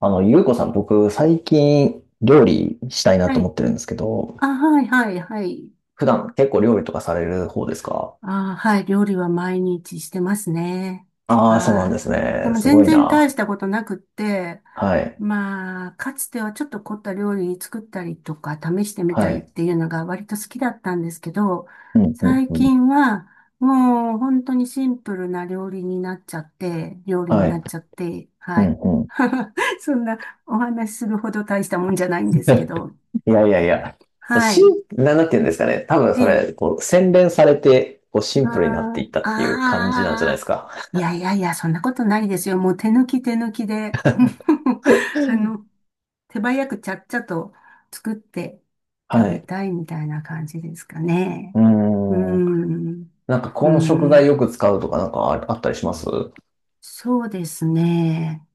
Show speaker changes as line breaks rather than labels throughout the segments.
ゆうこさん、僕、最近、料理したいな
は
と思
い。
ってるんですけど、
あ、はい、はい、はい。
普段結構料理とかされる方ですか？
あ、はい。料理は毎日してますね。
ああー、そうなん
は
です
い。で
ね。
も
すご
全
い
然大
な。
したことなくって、
はい。
まあ、かつてはちょっと凝った料理作ったりとか、試してみた
は
りっ
い。
ていうのが割と好きだったんですけど、
うん、うん、
最
うん。
近はもう本当にシンプルな料理になっちゃって、料理に
は
な
い。
っちゃって、
う
は
ん、
い。
うん。
そんなお話しするほど大したもんじゃないんですけ ど、
いやいやいや。
は
し、
い。
なんて言うんですかね。多分
え
それ、
え、
こう、洗練されて、こう、シ
あ
ンプルになっていったっ
ああ
ていう感じなんじゃないです
あ、
か。
いやいやいや、そんなことないですよ。もう手抜き手抜きで、あの、手早くちゃっちゃと作って食
は
べ
い。
たいみたいな感じですかね。
う
うー
ーん。
ん、
なんか、
うー
この食材
ん、
よく使うとか、なんかあ、あったりします？
そうですね。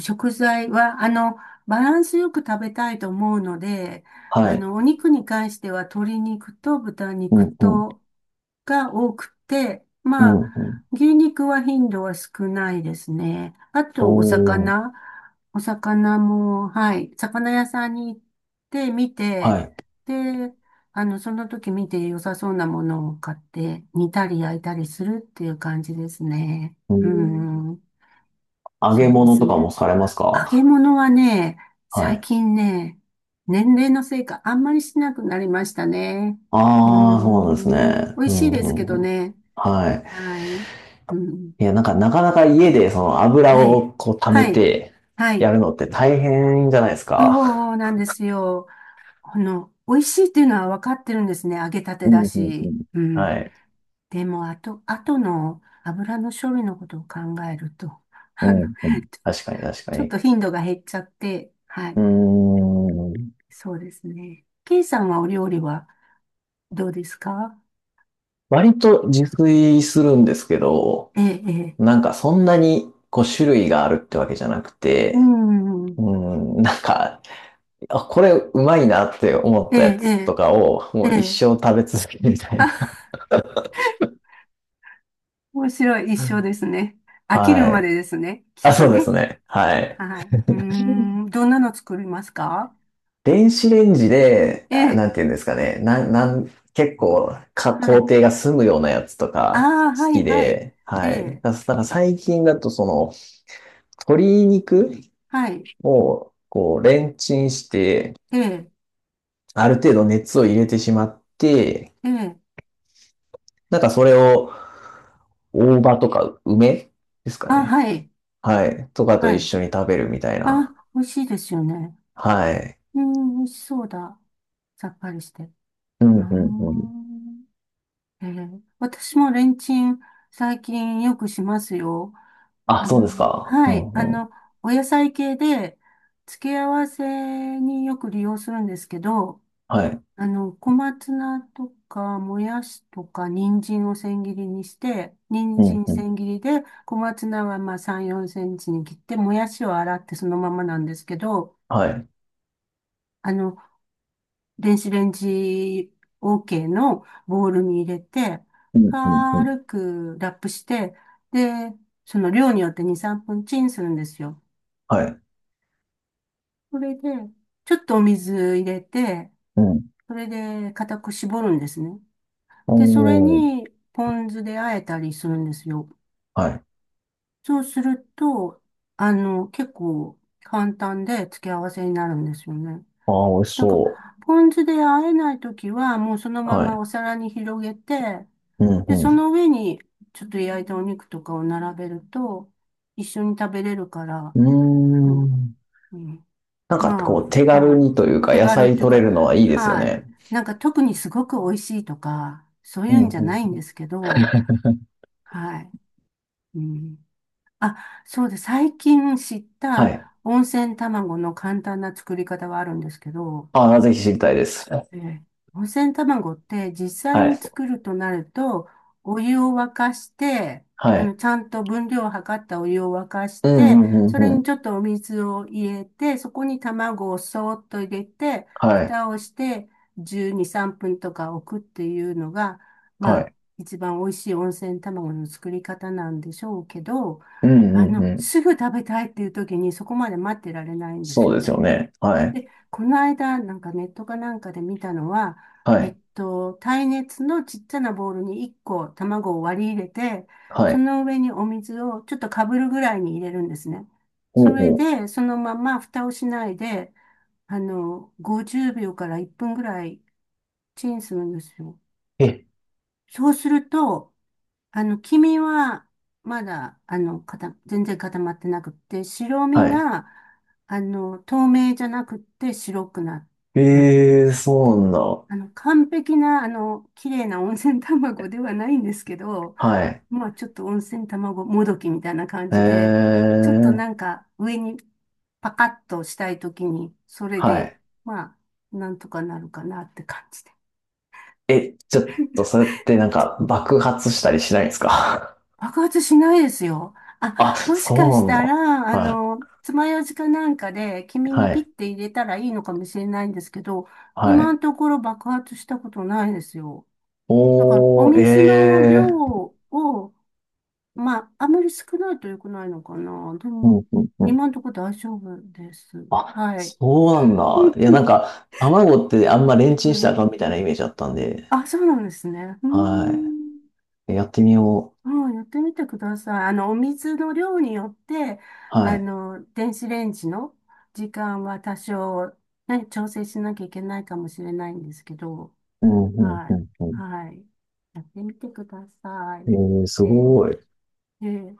食材は、バランスよく食べたいと思うので、
はい。
お肉に関しては鶏肉と豚
う
肉
ん、うん、
とが多くて、
う
まあ、
ん、うん。
牛肉は頻度は少ないですね。あ
お
と、お
ー、
魚。お魚も、はい、魚屋さんに行って見
は
て、
い。
で、その時見て良さそうなものを買って、煮たり焼いたりするっていう感じですね。
う
う
ん、
ん、
揚げ
そうで
物
す
とかも
ね。
されます
揚げ
か？
物はね、
は
最
い。
近ね、年齢のせいかあんまりしなくなりましたね。うー
ああ、そうなんです
ん。
ね。
美味
う
し
ん、
い
う
ですけ
ん、
ど
うん。
ね。
はい。
はい。うん。
いや、なんか、なかなか家で、その油
はい。
をこう溜め
はい。
て
はい。
やるのって大変じゃないですか。
そうなんですよ。この、美味しいっていうのは分かってるんですね。揚げたて
う
だ
ん、うん、う
し。
ん。
うん。
はい。
でも、あとの油の処理のことを考えると、
う
あの、
ん、うん。
ちょ、
確かに、確か
ちょっ
に。
と頻度が減っちゃって、は
う
い。
ーん。
そうですね。ケイさんはお料理はどうですか？
割と自炊するんですけど、
ええ、ええ。
なんかそんなにこう種類があるってわけじゃなく
う
て、
ん。
うん、なんかあ、これうまいなって思っ
ええ、
たや
え
つとかを、も
え、え
う一
え。
生食べ続けるみた いな。
あ、面白い。一緒 ですね。飽きる
は
ま
い。
でですね。き
あ、
っと
そうで
ね。
すね。はい。
はい。うーん。どんなの作りますか？
電子レンジで、
え
あな
え、
んていうんですかね。なん、なん、結構か、
は
工
い。
程が済むようなやつと
あ
か
あ、は
好
い、
き
はい。
で、
え
はい。
え、
だから最近だとその、鶏肉
はい。
をこう、レンチンして、
ええ、
ある程度熱を入れてしまって、
ええ。
なんかそれを大葉とか梅ですか
あ、
ね。
はい。
はい。とかと
は
一
い。
緒に食べるみたいな。
あ、美味しいですよね。
はい。
うん、美味しそうだ。さっぱりして。う
うん、
ー
うん、うん。
ん。ええ、私もレンチン最近よくしますよ。
あ、そうですか。う
は
ん、
い、
うん。
お野菜系で、付け合わせによく利用するんですけど、
はい。
小松菜とか、もやしとか、人参を千切りにして、人
うん、
参
うん。
千切りで、小松菜はまあ3、4センチに切って、もやしを洗ってそのままなんですけど、
はい。
あの、電子レンジ OK のボウルに入れて、
うん、うん、うん。
軽くラップして、で、その量によって2、3分チンするんですよ。
はい。
それで、ちょっとお水入れて、
うん。
それで固く絞るんですね。で、それ
おー。
にポン酢で和えたりするんですよ。
はい。
そうすると、結構簡単で付け合わせになるんですよね。
ああ、美味し
だか
そ
ら、ポン酢で和えないときは、もうその
う。
ま
は
ま
い。
お皿に広げて、
う
で、そ
ん、
の上にちょっと焼いたお肉とかを並べると、一緒に食べれるから、
う
う
ん。
ん、
うーん。
うん。
なんか、こう、
ま
手
あ、は
軽
い。
にというか、
手
野
軽っ
菜
ていう
取れ
か、
るのはいいですよ
はい。
ね。
なんか特にすごく美味しいとか、そう
う
いう
ん、
んじゃないん
うん。
ですけど、はい。うん。あ、そうです。最近知っ
はい。
た温泉卵の簡単な作り方はあるんですけど、
ああ、ぜひ知りたいです。は
えー温泉卵って実際に
い。
作るとなると、お湯を沸かして、
はい。
ちゃんと分量を測ったお湯を沸かし
うん、う
て、
ん、
そ
うん、
れ
う
に
ん。
ちょっとお水を入れて、そこに卵をそーっと入れて、
はい。
蓋をして12、3分とか置くっていうのが、ま
は
あ、
い。
一番美味しい温泉卵の作り方なんでしょうけど、
うん、うん、うん。
すぐ食べたいっていう時にそこまで待ってられないんです
そう
よ
ですよ
ね。
ね。はい。
で、この間、なんかネットかなんかで見たのは、
はい。
耐熱のちっちゃなボウルに1個卵を割り入れて、
は
そ
い。
の上にお水をちょっとかぶるぐらいに入れるんですね。
ほ
そ
う
れ
ほう。
で、そのまま蓋をしないで、50秒から1分ぐらいチンするんですよ。
え、
そうすると、黄身は、まだ、全然固まってなくって、白身
はい。
が、透明じゃなくって白くなる。
ええそ
で、
うなんだ。
完璧な、綺麗な温泉卵ではないんですけど、
はい。
まあ、ちょっと温泉卵もどきみたいな感じで、ちょっと
え
なん
え
か上にパカッとしたいときに、それ
は
で、
い。
まあ、なんとかなるかなって感じ。
え、ちょっと、それってなんか爆発したりしないんですか？
爆発しないですよ。
あ、
あ、もしか
そう
し
なん
た
だ。
ら、
はい。
爪楊枝かなんかで、君
は
にピッ
い。
て入れたらいいのかもしれないんですけど、
は
今の
い。
ところ爆発したことないですよ。だから、お
お
水の量
ー、ええ
を、まあ、あまり少ないと良くないのかな。で
う
も、
ん、うん、うん。
今のところ大丈夫です。
あ、
はい。
そうなんだ。いや、なん か、卵ってあんまレンチ
う
ンしたら
ん。
あかんみたいなイメージあったんで、
あ、そうなんですね。うー
は
ん。
い。やってみよ
もうやってみてください。お水の量によって、
う。はい。
電子レンジの時間は多少、ね、調整しなきゃいけないかもしれないんですけど、
うん、うん、
は
う
い。
ん、うん。
はい。やってみてくださ
え
い。
えす
えー
ごい。
えー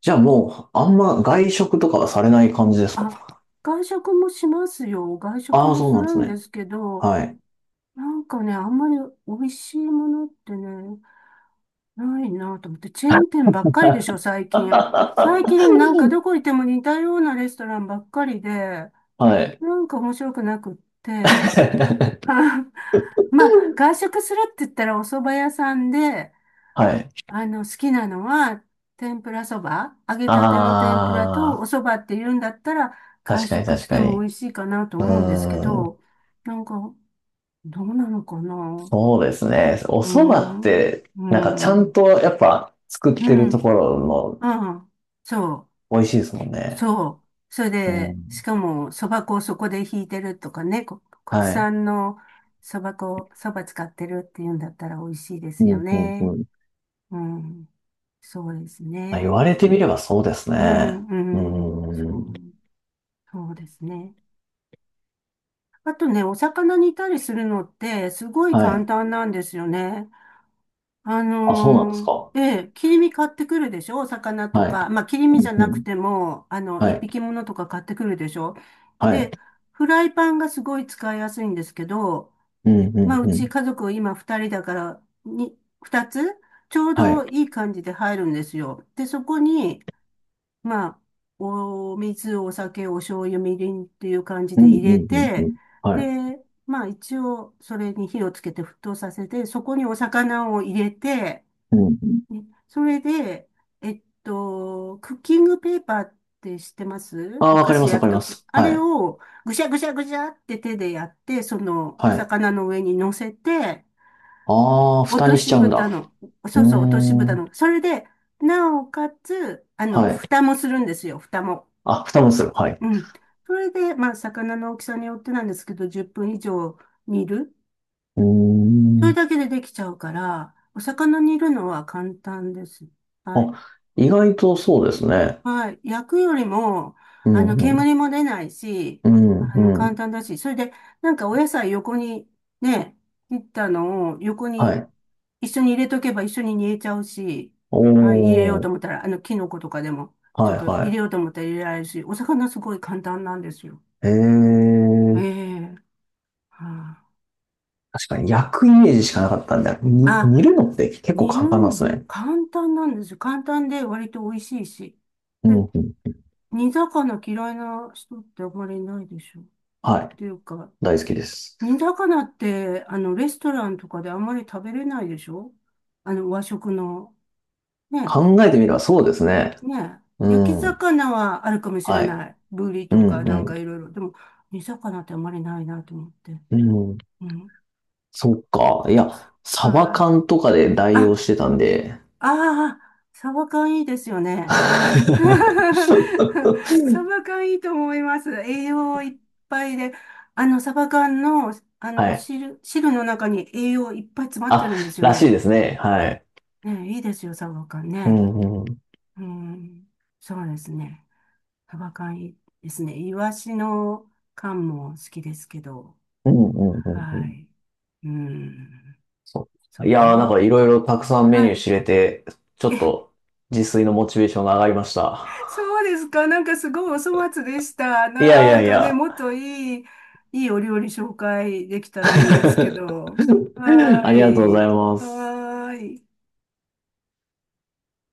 じゃあもう、あんま外食とかはされない感じです
あ、
か？
外食もしますよ。外食
ああー、
も
そう
す
なんで
る
す
んで
ね。
すけど、
はい。
なんかね、あんまり美味しいものってね、ないなと思って、チェーン 店ばっかりでしょ、最近。最近なんかどこ行っても似たようなレストランばっかりで、
はい。
なんか面白くなくって。まあ、外食するって言ったらお蕎麦屋さんで、
はい。
好きなのは、天ぷらそば、揚げたての天ぷらとお
あ
蕎麦って言うんだったら、
あ、
外
確かに
食し
確
て
か
も美
に。
味しいかなと
う
思うんですけ
ー
ど、
ん、
なんか、どうなのかな。う
そうですね。お
ー
蕎麦っ
ん、う
て、
ー
なんかちゃん
ん、
とやっぱ作っ
う
てる
ん、
ところ
うん、そう。
の美味しいですもんね。
そう。それ
う
で、し
ん。
かも、そば粉をそこでひいてるとかね、国
はい。
産のそば粉、そば使ってるっていうんだったら美味しいで
う
すよ
ん、うん、う
ね。
ん。
うん。そうです
あ、言わ
ね。
れてみればそうです
う
ね。う
ん、うん。
ー
そ
ん。
う、そうですね。あとね、お魚煮たりするのって、すごい
は
簡
い。
単なんですよね。
あ、そうなんですか。
ええ、切り身買ってくるでしょ？お魚と
は
か。
い。
まあ、切り身
う
じ
ん、
ゃ
う
なく
ん。
ても、
は
一
い。
匹ものとか買ってくるでしょ？
はい。
で、フライパンがすごい使いやすいんですけど、
うんう
まあ、
ん
う
う
ち
ん。
家族今二人だから、二つちょう
はい。
どいい感じで入るんですよ。で、そこに、まあ、お水、お酒、お醤油、みりんっていう感じ
う
で
んう
入れ
んうんう
て、
ん。はい。
で、まあ一応それに火をつけて沸騰させて、そこにお魚を入れて、
うんうん。
ね、それで、クッキングペーパーって知ってます？
ああ、
お
わか
菓
り
子
ますわ
焼
か
く
り
と
ま
きって、
す。
あ
は
れ
い。
をぐしゃぐしゃぐしゃって手でやって、そのお
はい。
魚の上に乗せて、
ああ、
落
蓋
と
にしち
し
ゃうん
蓋
だ。
の、
う
そ
ー
うそう、落とし蓋
ん。
の、それで、なおかつ、
はい。
蓋もするんですよ、蓋も。
あ、蓋もする。はい。
うん。それで、まあ、魚の大きさによってなんですけど、10分以上煮る。
うー
それ
ん。
だけでできちゃうから、お魚煮るのは簡単です。はい。
あ、意外とそうですね。
はい。焼くよりも、
うんうん。
煙も出ないし、
うんう
簡
ん。
単だし、それで、なんかお野菜横に、ね、切ったのを横
は
に
い。
一緒に入れとけば一緒に煮えちゃうし、
お
はい、入れようと
お。
思ったら、キノコとかでも、ちょっ
はい
と入れ
は
ようと思ったら入れられるし、お魚すごい簡単なんですよ。
い。え
え
え。
え。は
確かに焼くイメージしかなかったんで、
あ、あ、
煮るのって結構
煮る
簡単なんです
ん、
ね。
簡単なんですよ。簡単で割と美味しいし。
うん
で、
うん。
煮魚嫌いな人ってあまりいないでしょ。っ
はい。
ていうか、
大好きです。
煮魚って、レストランとかであんまり食べれないでしょ？和食の。ね、
考えてみればそうですね。
ね。焼き
うん。
魚はあるかもしれ
はい。
ない。ブリ
う
とか
ん、
なん
う
かいろいろ。でも、煮魚ってあんまりないなと思って。
ん、うん。
うん。
そっか。いや、サバ
はい。
缶とかで代用し
あ、
てたんで。
ああ、サバ缶いいですよ ね。
は
サバ缶いいと思います。栄養いっぱいで。サバ缶の、
い。
汁の中に栄養いっぱい詰まって
あ、
るんですよ
らしい
ね。
ですね。はい。
ね、いいですよ、サバ缶
う
ね。
ん、うん。
うん、そうですね。サバ缶いいですね。イワシの缶も好きですけど。
うん、うん、うん。う
は
ん
い。うん、
そ
そ
う。い
う
やー、なん
ね。
かいろいろたくさんメニ
は
ュー
い。
知れて、ちょっ
え、
と自炊のモチベーションが上がりました。
そうですか。なんかすごいお粗末でした。
いやい
な
や
ん
い
かね、
や。
もっといいお料理紹介できたらいいんですけ ど。は
あ
ー
りがとうござい
い。
ます。
はーい。